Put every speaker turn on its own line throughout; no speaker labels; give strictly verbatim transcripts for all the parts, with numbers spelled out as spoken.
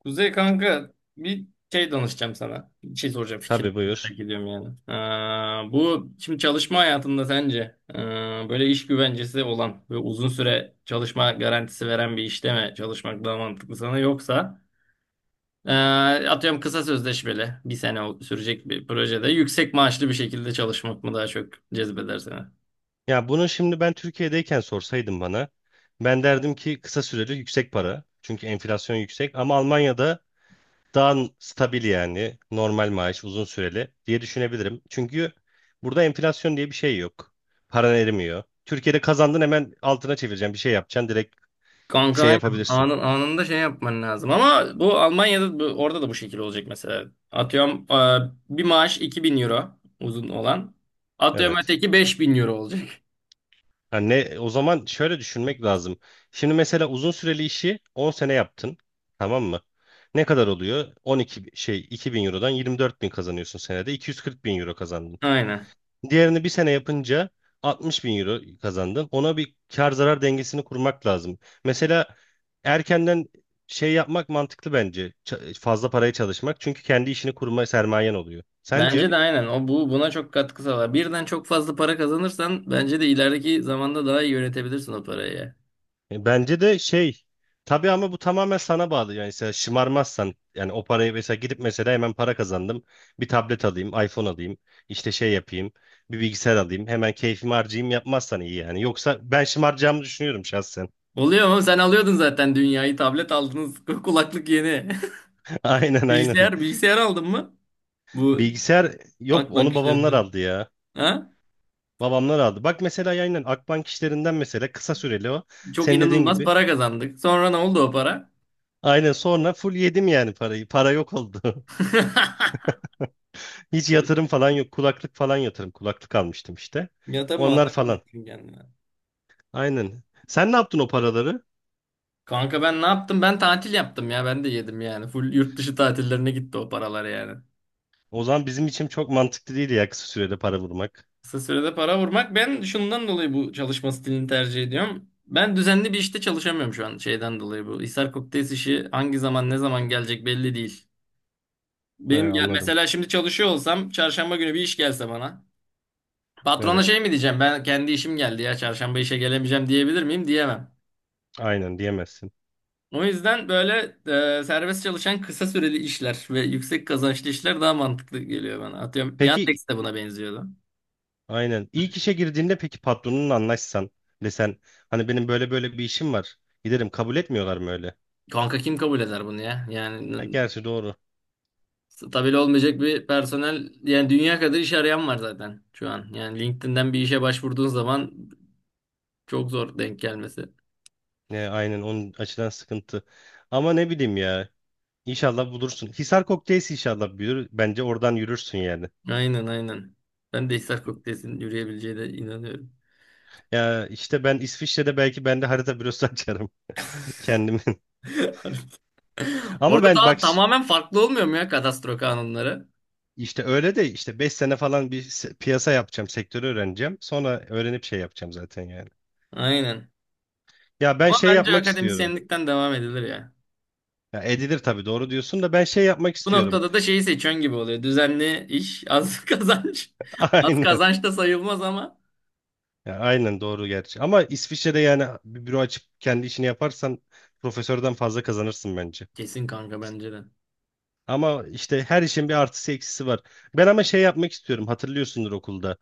Kuzey kanka bir şey danışacağım sana. Bir şey soracağım fikir
Tabii buyur.
merak ediyorum yani. Ee, bu şimdi çalışma hayatında sence ee, böyle iş güvencesi olan ve uzun süre çalışma garantisi veren bir işte mi çalışmak daha mantıklı sana yoksa ee, atıyorum kısa sözleşmeli bir sene sürecek bir projede yüksek maaşlı bir şekilde çalışmak mı daha çok cezbeder seni?
Ya bunu şimdi ben Türkiye'deyken sorsaydım bana, ben derdim ki kısa süreli yüksek para. Çünkü enflasyon yüksek, ama Almanya'da daha stabil, yani normal maaş uzun süreli diye düşünebilirim. Çünkü burada enflasyon diye bir şey yok. Paran erimiyor. Türkiye'de kazandın, hemen altına çevireceğim bir şey yapacaksın, direkt
Kanka
şey
aynen.
yapabilirsin.
Anın, anında şey yapman lazım. Ama bu Almanya'da bu, orada da bu şekilde olacak mesela. Atıyorum e, bir maaş iki bin euro uzun olan. Atıyorum
Evet.
öteki beş bin euro olacak.
Yani ne, o zaman şöyle düşünmek lazım. Şimdi mesela uzun süreli işi on sene yaptın. Tamam mı? Ne kadar oluyor? 12 bi- Şey, iki bin Euro'dan yirmi dört bin kazanıyorsun senede. iki yüz kırk bin Euro kazandın.
Aynen.
Diğerini bir sene yapınca altmış bin Euro kazandın. Ona bir kar zarar dengesini kurmak lazım. Mesela erkenden şey yapmak mantıklı bence. Ç- fazla paraya çalışmak. Çünkü kendi işini kurma sermayen oluyor. Sence?
Bence de aynen. O bu buna çok katkı sağlar. Birden çok fazla para kazanırsan bence de ilerideki zamanda daha iyi yönetebilirsin o parayı.
E, Bence de şey, tabii ama bu tamamen sana bağlı. Yani mesela şımarmazsan, yani o parayı mesela gidip mesela hemen para kazandım. Bir tablet alayım, iPhone alayım, işte şey yapayım, bir bilgisayar alayım. Hemen keyfimi harcayayım yapmazsan iyi yani. Yoksa ben şımaracağımı düşünüyorum şahsen.
Oluyor mu? Sen alıyordun zaten dünyayı. Tablet aldınız. Kulaklık yeni.
Aynen, aynen.
Bilgisayar, bilgisayar aldın mı? Bu
Bilgisayar yok,
Akbank
onu
işlerinde.
babamlar aldı ya.
Ha?
Babamlar aldı. Bak mesela aynen Akbank işlerinden, mesela kısa süreli o.
Çok
Senin dediğin
inanılmaz
gibi.
para kazandık. Sonra ne oldu o para?
Aynen, sonra full yedim yani parayı. Para yok oldu. Hiç yatırım falan yok. Kulaklık falan yatırım. Kulaklık almıştım işte.
Ya tabii
Onlar
malzeme
falan.
getirdin kendine.
Aynen. Sen ne yaptın o paraları?
Kanka ben ne yaptım? Ben tatil yaptım ya. Ben de yedim yani. Full yurt dışı tatillerine gitti o paralar yani.
O zaman bizim için çok mantıklı değil ya kısa sürede para vurmak.
Kısa sürede para vurmak. Ben şundan dolayı bu çalışma stilini tercih ediyorum. Ben düzenli bir işte çalışamıyorum şu an şeyden dolayı bu. Hisar Kokteyl işi hangi zaman ne zaman gelecek belli değil.
He,
Benim gel
anladım.
mesela şimdi çalışıyor olsam çarşamba günü bir iş gelse bana. Patrona
Evet.
şey mi diyeceğim? Ben kendi işim geldi ya çarşamba işe gelemeyeceğim diyebilir miyim? Diyemem.
Aynen diyemezsin.
O yüzden böyle e, serbest çalışan kısa süreli işler ve yüksek kazançlı işler daha mantıklı geliyor bana. Atıyorum
Peki,
Yandex de buna benziyordu.
aynen. İlk işe girdiğinde peki patronunla anlaşsan, desen hani benim böyle böyle bir işim var. Giderim, kabul etmiyorlar mı öyle?
Kanka kim kabul eder bunu ya? Yani
Ha,
n-
gerçi doğru.
stabil olmayacak bir personel yani dünya kadar iş arayan var zaten şu an. Yani LinkedIn'den bir işe başvurduğun zaman çok zor denk gelmesi.
Ne, aynen onun açıdan sıkıntı. Ama ne bileyim ya. İnşallah bulursun. Hisar Kokteyls inşallah büyür. Bence oradan yürürsün yani.
Aynen aynen. Ben de Hisar Kokteys'in yürüyebileceğine inanıyorum.
Ya işte ben İsviçre'de belki ben de harita bürosu açarım kendimin. Ama
Orada
ben
daha
bak, ş-
tamamen farklı olmuyor mu ya kadastro kanunları?
işte öyle de, işte beş sene falan bir se- piyasa yapacağım, sektörü öğreneceğim. Sonra öğrenip şey yapacağım zaten yani.
Aynen.
Ya ben
Ama
şey
bence
yapmak istiyorum.
akademisyenlikten devam edilir ya.
Ya edilir tabii, doğru diyorsun da ben şey yapmak
Bu
istiyorum.
noktada da şeyi seçen gibi oluyor. Düzenli iş, az kazanç. Az
Aynen.
kazanç da sayılmaz ama.
Ya aynen doğru gerçi. Ama İsviçre'de yani bir büro açıp kendi işini yaparsan, profesörden fazla kazanırsın bence.
Kesin kanka bence de.
Ama işte her işin bir artısı eksisi var. Ben ama şey yapmak istiyorum. Hatırlıyorsundur okulda.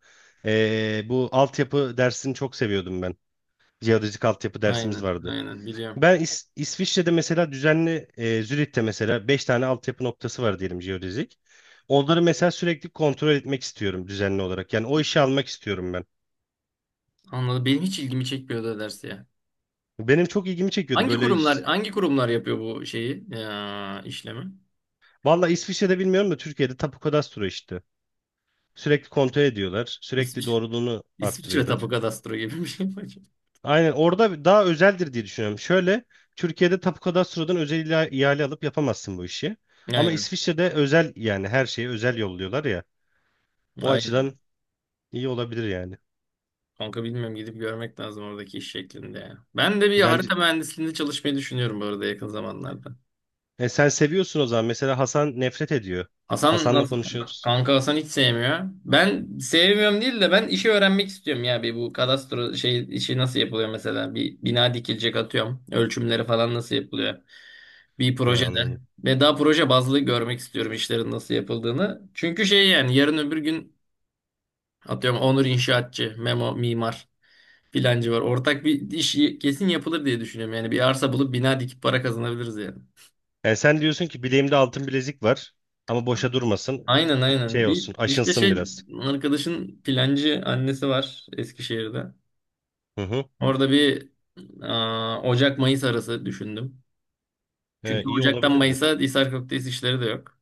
Ee, bu altyapı dersini çok seviyordum ben. Jeodezik altyapı dersimiz
Aynen,
vardı.
aynen biliyorum.
Ben İs- İsviçre'de mesela düzenli, e, Zürich'te mesela beş tane altyapı noktası var diyelim, jeodezik. Onları mesela sürekli kontrol etmek istiyorum düzenli olarak. Yani o işi almak istiyorum ben.
Anladım. Benim hiç ilgimi çekmiyordu o ders ya.
Benim çok ilgimi çekiyordu
Hangi
böyle
kurumlar
iş-
hangi kurumlar yapıyor bu şeyi? Ya, işlemi.
Valla İsviçre'de bilmiyorum da Türkiye'de Tapu Kadastro işte. Sürekli kontrol ediyorlar. Sürekli
İsviçre,
doğruluğunu
İsviçre Tapu
arttırıyorlar.
Kadastro gibi bir şey mi acaba?
Aynen, orada daha özeldir diye düşünüyorum. Şöyle, Türkiye'de tapu kadastrodan özel ila- ihale alıp yapamazsın bu işi. Ama
Aynen.
İsviçre'de özel, yani her şeyi özel yolluyorlar ya. O
Aynen.
açıdan iyi olabilir yani.
Kanka bilmiyorum gidip görmek lazım oradaki iş şeklinde ya. Ben de bir
Bence
harita mühendisliğinde çalışmayı düşünüyorum bu arada yakın zamanlarda.
e, sen seviyorsun o zaman. Mesela Hasan nefret ediyor.
Hasan
Hasan'la
nasıl?
konuşuyoruz.
Kanka Hasan hiç sevmiyor. Ben sevmiyorum değil de ben işi öğrenmek istiyorum ya. Bir bu kadastro şey işi nasıl yapılıyor mesela? Bir bina dikilecek atıyorum. Ölçümleri falan nasıl yapılıyor? Bir
He,
projede.
anladım.
Ve daha proje bazlı görmek istiyorum işlerin nasıl yapıldığını. Çünkü şey yani yarın öbür gün atıyorum Onur inşaatçı, Memo mimar filancı var. Ortak bir iş kesin yapılır diye düşünüyorum. Yani bir arsa bulup bina dikip para kazanabiliriz yani.
Yani sen diyorsun ki bileğimde altın bilezik var ama boşa durmasın.
Aynen aynen.
Şey
Bir
olsun,
işte
aşınsın
şey
biraz.
arkadaşın plancı annesi var Eskişehir'de.
Hı hı.
Orada bir aa, Ocak-Mayıs arası düşündüm.
He,
Çünkü
iyi
Ocak'tan
olabilirdi.
Mayıs'a Hisar Köftesi işleri de yok.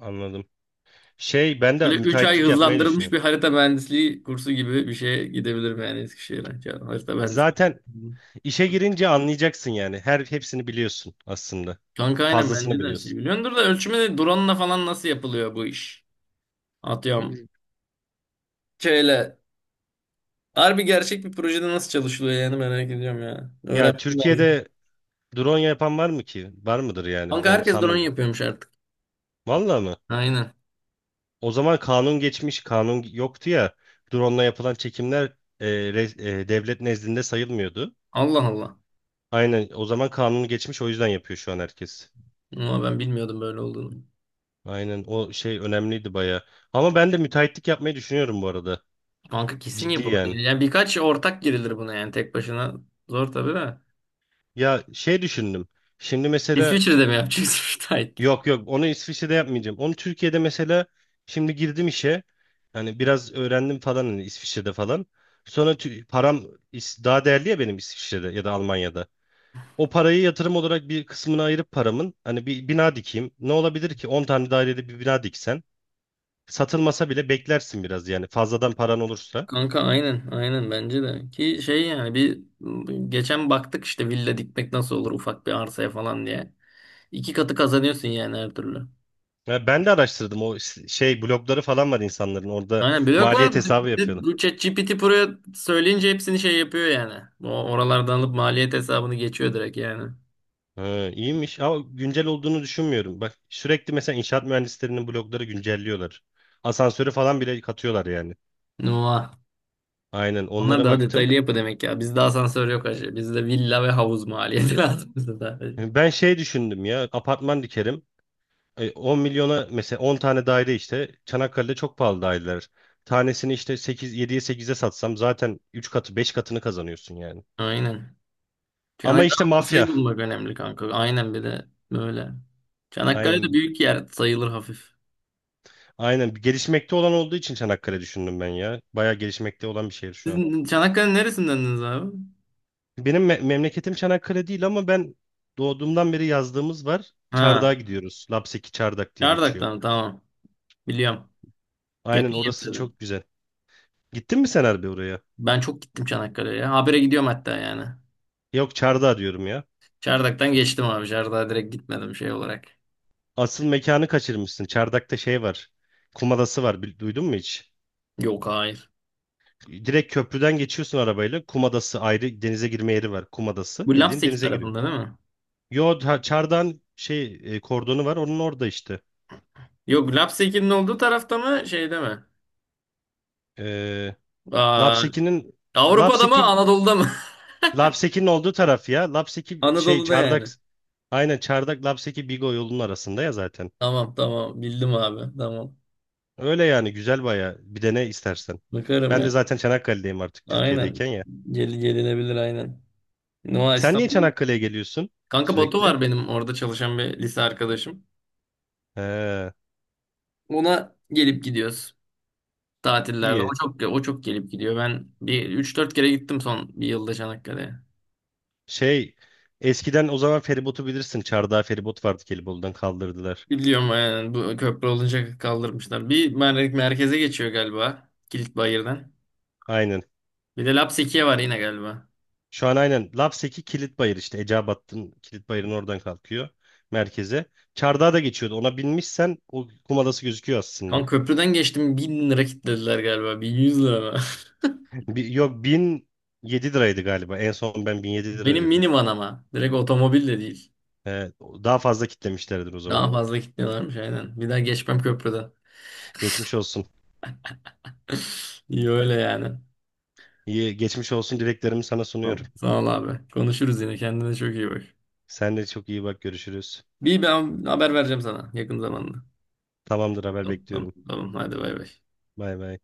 Anladım. Şey, ben de
Böyle üç ay
müteahhitlik yapmayı
hızlandırılmış bir
düşünüyorum.
harita mühendisliği kursu gibi bir şeye gidebilirim yani Eskişehir'e. Ya, harita mühendisliği.
Zaten İşe girince anlayacaksın yani. Her hepsini biliyorsun aslında.
Kanka aynen
Fazlasını
bence de her şeyi
biliyorsun.
biliyordur da ölçümde drone'la falan nasıl yapılıyor bu iş? Atıyorum.
Hmm.
Şöyle harbi gerçek bir projede nasıl çalışılıyor yani merak ediyorum ya.
Ya
Öğrenmem lazım.
Türkiye'de drone yapan var mı ki? Var mıdır yani?
Kanka
Ben
herkes drone
sanmıyorum.
yapıyormuş artık.
Vallahi mı?
Aynen.
O zaman kanun geçmiş, kanun yoktu ya. Drone'la yapılan çekimler e, re- e, devlet nezdinde sayılmıyordu.
Allah Allah.
Aynen, o zaman kanunu geçmiş, o yüzden yapıyor şu an herkes.
Ama ben bilmiyordum böyle olduğunu.
Aynen, o şey önemliydi baya. Ama ben de müteahhitlik yapmayı düşünüyorum bu arada.
Kanka kesin
Ciddi
yapılır.
yani.
Yani birkaç ortak girilir buna yani tek başına. Zor tabii de.
Ya şey düşündüm. Şimdi mesela.
İsviçre'de mi yapacağız müteahhitliği?
Yok, yok, onu İsviçre'de yapmayacağım. Onu Türkiye'de mesela şimdi girdim işe. Hani biraz öğrendim falan hani İsviçre'de falan. Sonra tü- param, is- daha değerli ya benim, İsviçre'de ya da Almanya'da. O parayı yatırım olarak bir kısmını ayırıp paramın, hani bir bina dikeyim. Ne olabilir ki, on tane dairede bir bina diksen satılmasa bile beklersin biraz yani, fazladan paran olursa.
Kanka aynen aynen bence de. Ki şey yani bir geçen baktık işte villa dikmek nasıl olur ufak bir arsaya falan diye. İki katı kazanıyorsun yani her türlü.
Ya ben de araştırdım, o s- şey blogları falan var, insanların, orada
Aynen blok
maliyet
var.
hesabı
Bir de
yapıyorlar.
bu ChatGPT buraya söyleyince hepsini şey yapıyor yani. O oralardan alıp maliyet hesabını geçiyor direkt yani.
Ha, iyiymiş ama güncel olduğunu düşünmüyorum. Bak, sürekli mesela inşaat mühendislerinin blogları güncelliyorlar. Asansörü falan bile katıyorlar yani.
Nuh.
Aynen,
Onlar
onlara
daha
baktım.
detaylı yapı demek ya. Bizde asansör yok acı. Bizde villa ve havuz maliyeti lazım bize sadece.
Ben şey düşündüm ya, apartman dikerim. E, on milyona mesela on tane daire, işte Çanakkale'de çok pahalı daireler. Tanesini işte 8 yediye sekize satsam zaten üç katı, beş katını kazanıyorsun yani.
Aynen.
Ama
Çanakkale
işte
masayı
mafya.
bulmak önemli kanka. Aynen bir de böyle. Çanakkale de
Aynen.
büyük yer sayılır hafif.
Aynen, gelişmekte olan olduğu için Çanakkale düşündüm ben ya. Bayağı gelişmekte olan bir şehir şu an.
Sizin Çanakkale neresindendiniz abi?
Benim me- memleketim Çanakkale değil, ama ben doğduğumdan beri yazdığımız var.
Ha,
Çardak'a gidiyoruz. Lapseki Çardak diye geçiyor.
Çardak'tan tamam. Biliyorum.
Aynen,
Yakın ya
orası
bize de.
çok güzel. Gittin mi sen harbi oraya?
Ben çok gittim Çanakkale'ye. Habire gidiyorum hatta yani.
Yok, Çardak'a diyorum ya.
Çardak'tan geçtim abi. Çardak'a direkt gitmedim şey olarak.
Asıl mekanı kaçırmışsın. Çardak'ta şey var. Kum adası var. Bil- Duydun mu hiç?
Yok hayır.
Direkt köprüden geçiyorsun arabayla. Kum adası ayrı, denize girme yeri var. Kum adası,
Bu
bildiğin
Lapseki
denize giriyor.
tarafında değil mi?
Yo, ta- Çardak'ın şey, e, kordonu var. Onun orada işte.
Yok Lapseki'nin olduğu tarafta mı şeyde mi?
Ee,
Aa,
Lapseki'nin
Avrupa'da mı
Lapseki
Anadolu'da mı?
Lapseki'nin olduğu taraf ya. Lapseki şey
Anadolu'da
Çardak.
yani.
Aynen, Çardak Lapseki Bigo yolunun arasında ya zaten.
Tamam tamam bildim abi tamam.
Öyle yani, güzel baya. Bir de ne istersen.
Bakarım
Ben de
yani.
zaten Çanakkale'deyim artık,
Aynen.
Türkiye'deyken ya.
Gel, gelinebilir aynen. Nova
Sen niye
İstanbul.
Çanakkale'ye geliyorsun
Kanka Batu
sürekli?
var benim orada çalışan bir lise arkadaşım.
He,
Ona gelip gidiyoruz tatillerde. O
iyi.
çok o çok gelip gidiyor. Ben bir üç dört kere gittim son bir yılda Çanakkale'ye.
Şey, eskiden o zaman feribotu bilirsin. Çardağ feribot vardı, Gelibolu'dan kaldırdılar.
Biliyorum yani bu köprü olunca kaldırmışlar. Bir mer- merkeze geçiyor galiba. Kilitbayır'dan.
Aynen.
Bir de Lapseki'ye var yine galiba.
Şu an aynen Lapseki Kilitbayır, işte Eceabat'ın Kilitbayır'ın oradan kalkıyor merkeze. Çardağa da geçiyordu. Ona binmişsen o kum adası gözüküyor aslında.
Kan köprüden geçtim bin lira kitlediler galiba. Bin yüz lira mı?
Bi- yok bin yedi liraydı galiba. En son ben bin yedi lira
Benim
ödedim.
minivan ama. Direkt otomobil de değil.
Ee, Daha fazla kitlemişlerdir o zaman.
Daha fazla kitliyorlarmış aynen. Bir daha geçmem köprüden.
Geçmiş olsun.
İyi öyle yani.
İyi, geçmiş olsun dileklerimi sana
Tamam.
sunuyorum.
Sağ ol abi. Konuşuruz yine. Kendine çok iyi bak.
Sen de çok iyi bak, görüşürüz.
Bir ben haber vereceğim sana yakın zamanda.
Tamamdır, haber
Tamam tamam.
bekliyorum.
Tamam. Hadi bay bay.
Bay bay.